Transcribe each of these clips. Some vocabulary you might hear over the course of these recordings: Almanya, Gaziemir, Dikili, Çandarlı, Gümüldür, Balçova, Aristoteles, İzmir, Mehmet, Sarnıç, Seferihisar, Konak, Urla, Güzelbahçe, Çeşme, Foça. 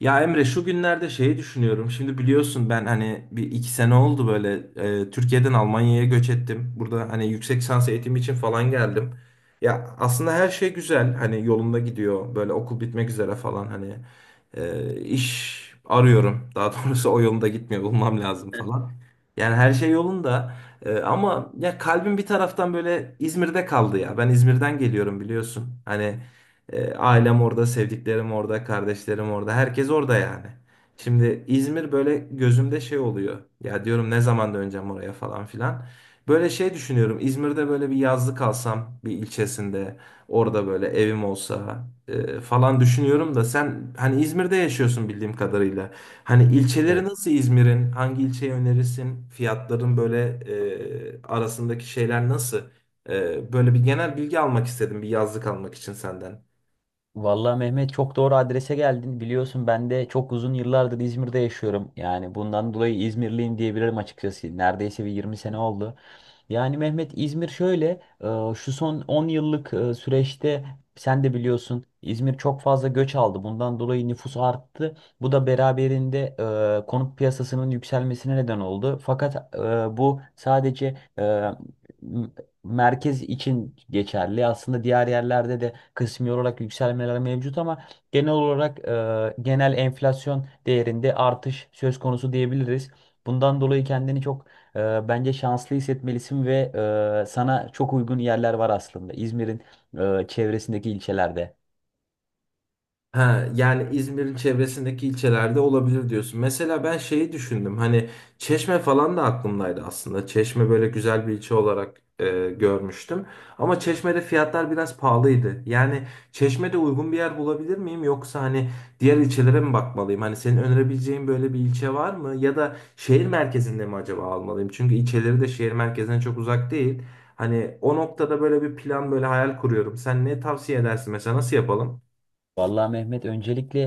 Ya Emre şu günlerde şeyi düşünüyorum. Şimdi biliyorsun ben hani bir iki sene oldu böyle Türkiye'den Almanya'ya göç ettim. Burada hani yüksek lisans eğitimi için falan geldim. Ya aslında her şey güzel hani yolunda gidiyor. Böyle okul bitmek üzere falan hani iş arıyorum. Daha doğrusu o yolunda gitmiyor bulmam lazım falan. Yani her şey yolunda. Ama ya kalbim bir taraftan böyle İzmir'de kaldı ya. Ben İzmir'den geliyorum biliyorsun. Hani ailem orada, sevdiklerim orada, kardeşlerim orada, herkes orada yani. Şimdi İzmir böyle gözümde şey oluyor. Ya diyorum ne zaman döneceğim oraya falan filan. Böyle şey düşünüyorum. İzmir'de böyle bir yazlık alsam bir ilçesinde orada böyle evim olsa falan düşünüyorum da sen hani İzmir'de yaşıyorsun bildiğim kadarıyla. Hani ilçeleri Evet. nasıl İzmir'in? Hangi ilçeyi önerirsin? Fiyatların böyle arasındaki şeyler nasıl? Böyle bir genel bilgi almak istedim bir yazlık almak için senden. Vallahi Mehmet çok doğru adrese geldin. Biliyorsun ben de çok uzun yıllardır İzmir'de yaşıyorum. Yani bundan dolayı İzmirliyim diyebilirim açıkçası. Neredeyse bir 20 sene oldu. Yani Mehmet İzmir şöyle şu son 10 yıllık süreçte sen de biliyorsun İzmir çok fazla göç aldı. Bundan dolayı nüfus arttı. Bu da beraberinde konut piyasasının yükselmesine neden oldu. Fakat bu sadece e, m- merkez için geçerli. Aslında diğer yerlerde de kısmi olarak yükselmeler mevcut ama genel olarak genel enflasyon değerinde artış söz konusu diyebiliriz. Bundan dolayı kendini çok bence şanslı hissetmelisin ve sana çok uygun yerler var aslında İzmir'in çevresindeki ilçelerde. Ha, yani İzmir'in çevresindeki ilçelerde olabilir diyorsun. Mesela ben şeyi düşündüm. Hani Çeşme falan da aklımdaydı aslında. Çeşme böyle güzel bir ilçe olarak görmüştüm. Ama Çeşme'de fiyatlar biraz pahalıydı. Yani Çeşme'de uygun bir yer bulabilir miyim? Yoksa hani diğer ilçelere mi bakmalıyım? Hani senin önerebileceğin böyle bir ilçe var mı? Ya da şehir merkezinde mi acaba almalıyım? Çünkü ilçeleri de şehir merkezine çok uzak değil. Hani o noktada böyle bir plan böyle hayal kuruyorum. Sen ne tavsiye edersin mesela nasıl yapalım? Vallahi Mehmet öncelikle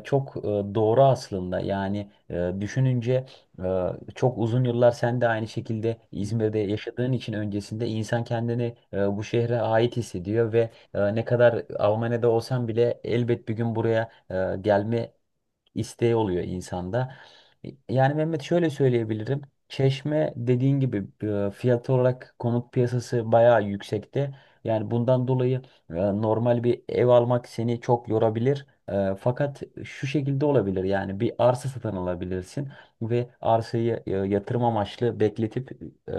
çok doğru aslında yani düşününce e, çok uzun yıllar sen de aynı şekilde İzmir'de yaşadığın için öncesinde insan kendini bu şehre ait hissediyor ve ne kadar Almanya'da olsan bile elbet bir gün buraya gelme isteği oluyor insanda. Yani Mehmet şöyle söyleyebilirim. Çeşme dediğin gibi fiyat olarak konut piyasası bayağı yüksekte. Yani bundan dolayı normal bir ev almak seni çok yorabilir. Fakat şu şekilde olabilir, yani bir arsa satın alabilirsin ve arsayı yatırım amaçlı bekletip, e,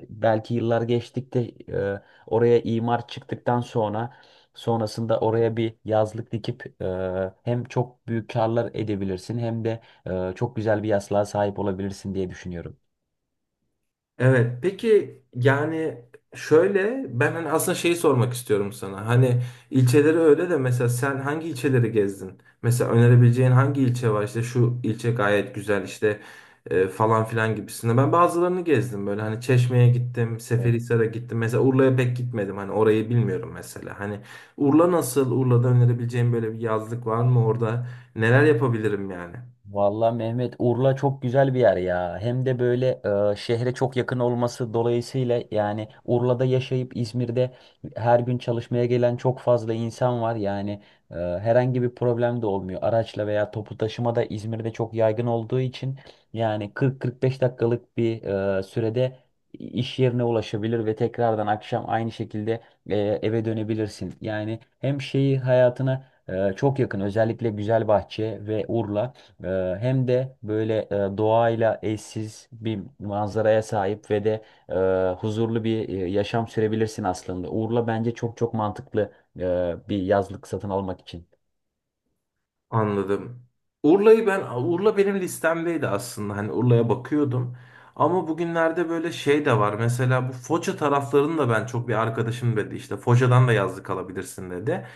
belki yıllar geçtikte e, oraya imar çıktıktan sonra, sonrasında oraya bir yazlık dikip hem çok büyük karlar edebilirsin hem de çok güzel bir yaslığa sahip olabilirsin diye düşünüyorum. Evet, peki yani şöyle ben hani aslında şeyi sormak istiyorum sana. Hani ilçeleri öyle de mesela sen hangi ilçeleri gezdin? Mesela önerebileceğin hangi ilçe var? İşte şu ilçe gayet güzel işte falan filan gibisinde. Ben bazılarını gezdim böyle hani Çeşme'ye gittim, Evet. Seferihisar'a gittim. Mesela Urla'ya pek gitmedim hani orayı bilmiyorum mesela. Hani Urla nasıl? Urla'da önerebileceğin böyle bir yazlık var mı orada? Neler yapabilirim yani? Vallahi Mehmet, Urla çok güzel bir yer ya. Hem de böyle şehre çok yakın olması dolayısıyla yani Urla'da yaşayıp İzmir'de her gün çalışmaya gelen çok fazla insan var. Yani herhangi bir problem de olmuyor. Araçla veya toplu taşıma da İzmir'de çok yaygın olduğu için yani 40-45 dakikalık bir sürede iş yerine ulaşabilir ve tekrardan akşam aynı şekilde eve dönebilirsin. Yani hem şeyi hayatına çok yakın, özellikle Güzelbahçe ve Urla. Ee, Hem de böyle doğayla eşsiz bir manzaraya sahip ve de huzurlu bir yaşam sürebilirsin aslında. Urla bence çok çok mantıklı bir yazlık satın almak için. Anladım. Urla benim listemdeydi aslında. Hani Urla'ya bakıyordum. Ama bugünlerde böyle şey de var. Mesela bu Foça taraflarını da ben çok bir arkadaşım dedi işte Foça'dan da yazlık alabilirsin dedi.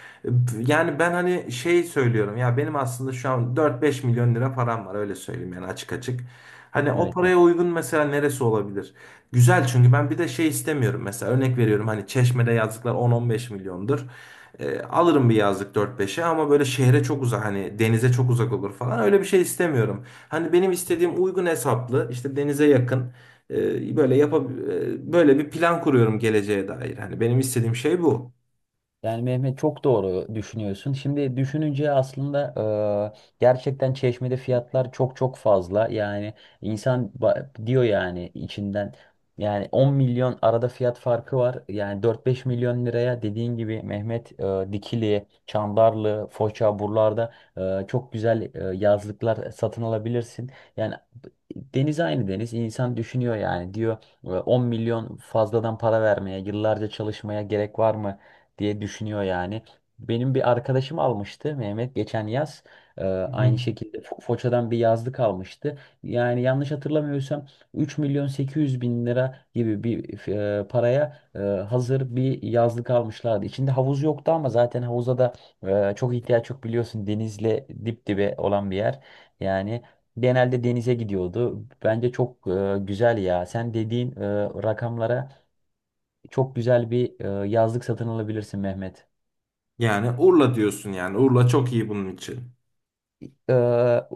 Yani ben hani şey söylüyorum ya benim aslında şu an dört beş milyon lira param var öyle söyleyeyim yani açık açık. Hani o Evet. paraya uygun mesela neresi olabilir? Güzel çünkü ben bir de şey istemiyorum mesela örnek veriyorum hani Çeşme'de yazlıklar on on beş milyondur. Alırım bir yazlık 4-5'e ama böyle şehre çok uzak hani denize çok uzak olur falan öyle bir şey istemiyorum. Hani benim istediğim uygun hesaplı işte denize yakın böyle böyle bir plan kuruyorum geleceğe dair. Hani benim istediğim şey bu. Yani Mehmet, çok doğru düşünüyorsun. Şimdi düşününce aslında gerçekten Çeşme'de fiyatlar çok çok fazla. Yani insan diyor yani içinden, yani 10 milyon arada fiyat farkı var. Yani 4-5 milyon liraya dediğin gibi Mehmet, Dikili, Çandarlı, Foça buralarda çok güzel yazlıklar satın alabilirsin. Yani deniz aynı deniz. İnsan düşünüyor yani, diyor 10 milyon fazladan para vermeye, yıllarca çalışmaya gerek var mı diye düşünüyor yani. Benim bir arkadaşım almıştı Mehmet geçen yaz. Hı Aynı hı. şekilde Foça'dan bir yazlık almıştı. Yani yanlış hatırlamıyorsam 3 milyon 800 bin lira gibi bir paraya hazır bir yazlık almışlardı. İçinde havuz yoktu ama zaten havuza da çok ihtiyaç yok, biliyorsun. Denizle dip dibe olan bir yer. Yani genelde denize gidiyordu. Bence çok güzel ya. Sen dediğin rakamlara çok güzel bir yazlık satın alabilirsin Mehmet. Yani Urla diyorsun yani Urla çok iyi bunun için. Ee,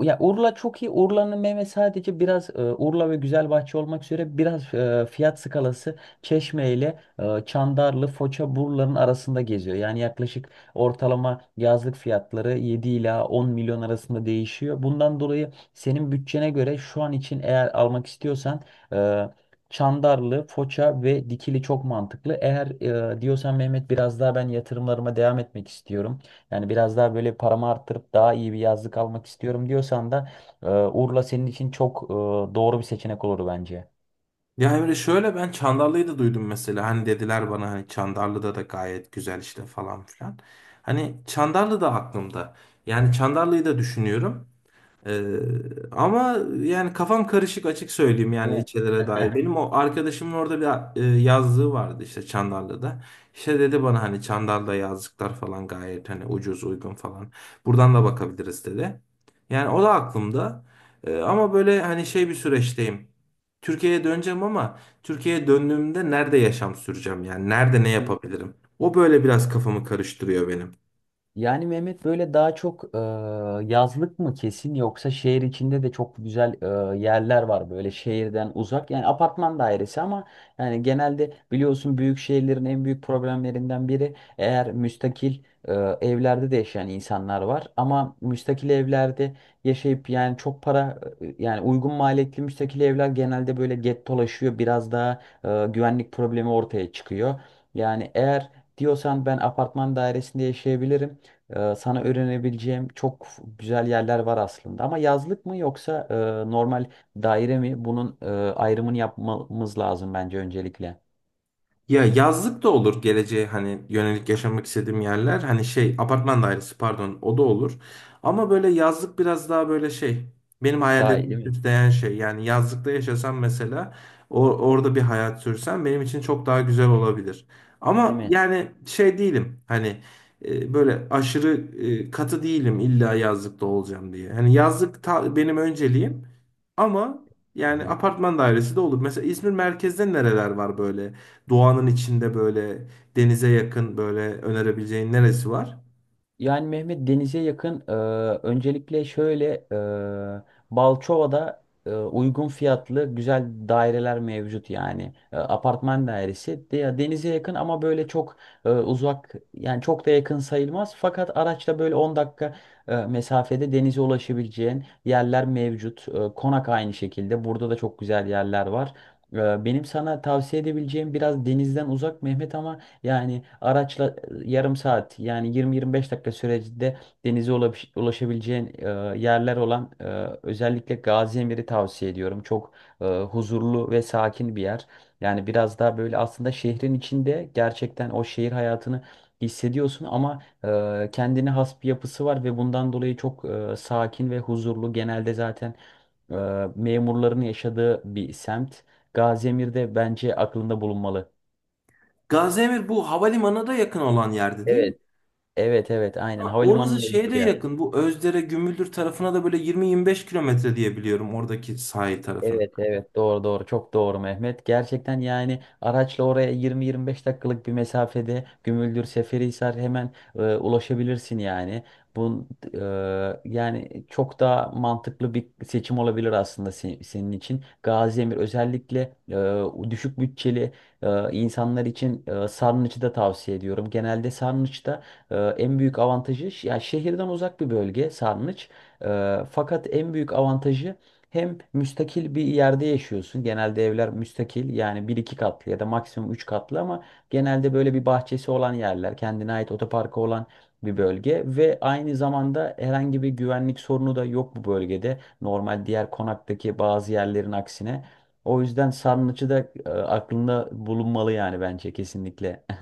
ya Urla çok iyi. Urla'nın meyve sadece biraz Urla ve Güzelbahçe olmak üzere biraz fiyat skalası Çeşme ile Çandarlı, Foça, Burla'nın arasında geziyor. Yani yaklaşık ortalama yazlık fiyatları 7 ila 10 milyon arasında değişiyor. Bundan dolayı senin bütçene göre şu an için, eğer almak istiyorsan e, Çandarlı, Foça ve Dikili çok mantıklı. Eğer diyorsan Mehmet, biraz daha ben yatırımlarıma devam etmek istiyorum, yani biraz daha böyle paramı arttırıp daha iyi bir yazlık almak istiyorum diyorsan da Urla senin için çok doğru bir seçenek olur bence. Ya Emre şöyle ben Çandarlı'yı da duydum mesela hani dediler bana hani Çandarlı'da da gayet güzel işte falan filan. Hani Çandarlı da aklımda. Yani Çandarlı'yı da düşünüyorum. Ee, ama yani kafam karışık açık söyleyeyim Değil yani mi? ilçelere dair. Benim o arkadaşımın orada bir yazlığı vardı işte Çandarlı'da. İşte dedi bana hani Çandarlı'da yazlıklar falan gayet hani ucuz uygun falan. Buradan da bakabiliriz dedi. Yani o da aklımda. Ama böyle hani şey bir süreçteyim. Türkiye'ye döneceğim ama Türkiye'ye döndüğümde nerede yaşam süreceğim yani nerede ne yapabilirim? O böyle biraz kafamı karıştırıyor benim. Yani Mehmet böyle daha çok yazlık mı kesin, yoksa şehir içinde de çok güzel yerler var böyle şehirden uzak. Yani apartman dairesi, ama yani genelde biliyorsun, büyük şehirlerin en büyük problemlerinden biri, eğer müstakil e, evlerde de yaşayan insanlar var. Ama müstakil evlerde yaşayıp yani çok para yani uygun maliyetli müstakil evler genelde böyle gettolaşıyor. Biraz daha güvenlik problemi ortaya çıkıyor. Yani eğer diyorsan ben apartman dairesinde yaşayabilirim. Sana öğrenebileceğim çok güzel yerler var aslında. Ama yazlık mı yoksa normal daire mi? Bunun ayrımını yapmamız lazım bence öncelikle. Ya yazlık da olur geleceğe hani yönelik yaşamak istediğim yerler. Hani şey apartman dairesi pardon o da olur. Ama böyle yazlık biraz daha böyle şey benim Daha hayallerimi iyi değil mi? süsleyen şey. Yani yazlıkta yaşasam mesela orada bir hayat sürsem benim için çok daha güzel olabilir. Ama Değil yani şey değilim hani böyle aşırı katı değilim illa yazlıkta olacağım diye. Hani benim önceliğim ama yani mi? apartman dairesi de olur. Mesela İzmir merkezde nereler var böyle? Doğanın içinde böyle denize yakın böyle önerebileceğin neresi var? Yani Mehmet denize yakın. Öncelikle şöyle, Balçova'da uygun fiyatlı güzel daireler mevcut yani. Apartman dairesi de, denize yakın ama böyle çok uzak yani çok da yakın sayılmaz. Fakat araçla böyle 10 dakika mesafede denize ulaşabileceğin yerler mevcut. Konak aynı şekilde. Burada da çok güzel yerler var. Benim sana tavsiye edebileceğim biraz denizden uzak Mehmet, ama yani araçla yarım saat, yani 20-25 dakika sürecinde denize ulaşabileceğin yerler olan, özellikle Gaziemir'i tavsiye ediyorum. Çok huzurlu ve sakin bir yer. Yani biraz daha böyle aslında şehrin içinde gerçekten o şehir hayatını hissediyorsun ama kendine has bir yapısı var ve bundan dolayı çok sakin ve huzurlu. Genelde zaten e, memurların yaşadığı bir semt. Gaziemir de bence aklında bulunmalı. Gaziemir bu havalimanına da yakın olan yerde değil mi? Evet. Evet, evet, aynen, Ha, orası havalimanının şeye de olduğu yer. yakın. Bu Özdere, Gümüldür tarafına da böyle 20-25 kilometre diye biliyorum oradaki sahil tarafına. Evet, evet, doğru, doğru, çok doğru Mehmet. Gerçekten yani araçla oraya 20-25 dakikalık bir mesafede Gümüldür, Seferihisar hemen ulaşabilirsin yani. Bu e, yani çok daha mantıklı bir seçim olabilir aslında senin için. Gaziemir özellikle düşük bütçeli insanlar için, Sarnıç'ı da tavsiye ediyorum. Genelde Sarnıç'ta en büyük avantajı, ya, şehirden uzak bir bölge Sarnıç. Fakat en büyük avantajı, hem müstakil bir yerde yaşıyorsun. Genelde evler müstakil, yani bir iki katlı ya da maksimum üç katlı, ama genelde böyle bir bahçesi olan yerler, kendine ait otoparkı olan bir bölge ve aynı zamanda herhangi bir güvenlik sorunu da yok bu bölgede. Normal diğer konaktaki bazı yerlerin aksine. O yüzden sarnıcı da aklında bulunmalı yani, bence kesinlikle.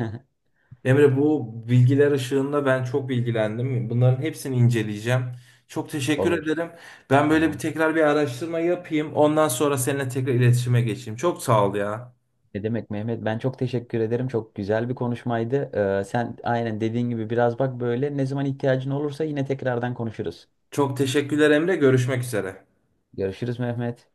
Emre bu bilgiler ışığında ben çok bilgilendim. Bunların hepsini inceleyeceğim. Çok teşekkür Olur. ederim. Ben böyle bir Tamam. tekrar bir araştırma yapayım. Ondan sonra seninle tekrar iletişime geçeyim. Çok sağ ol ya. Ne demek Mehmet? Ben çok teşekkür ederim. Çok güzel bir konuşmaydı. Sen aynen dediğin gibi biraz bak, böyle ne zaman ihtiyacın olursa yine tekrardan konuşuruz. Çok teşekkürler Emre. Görüşmek üzere. Görüşürüz Mehmet.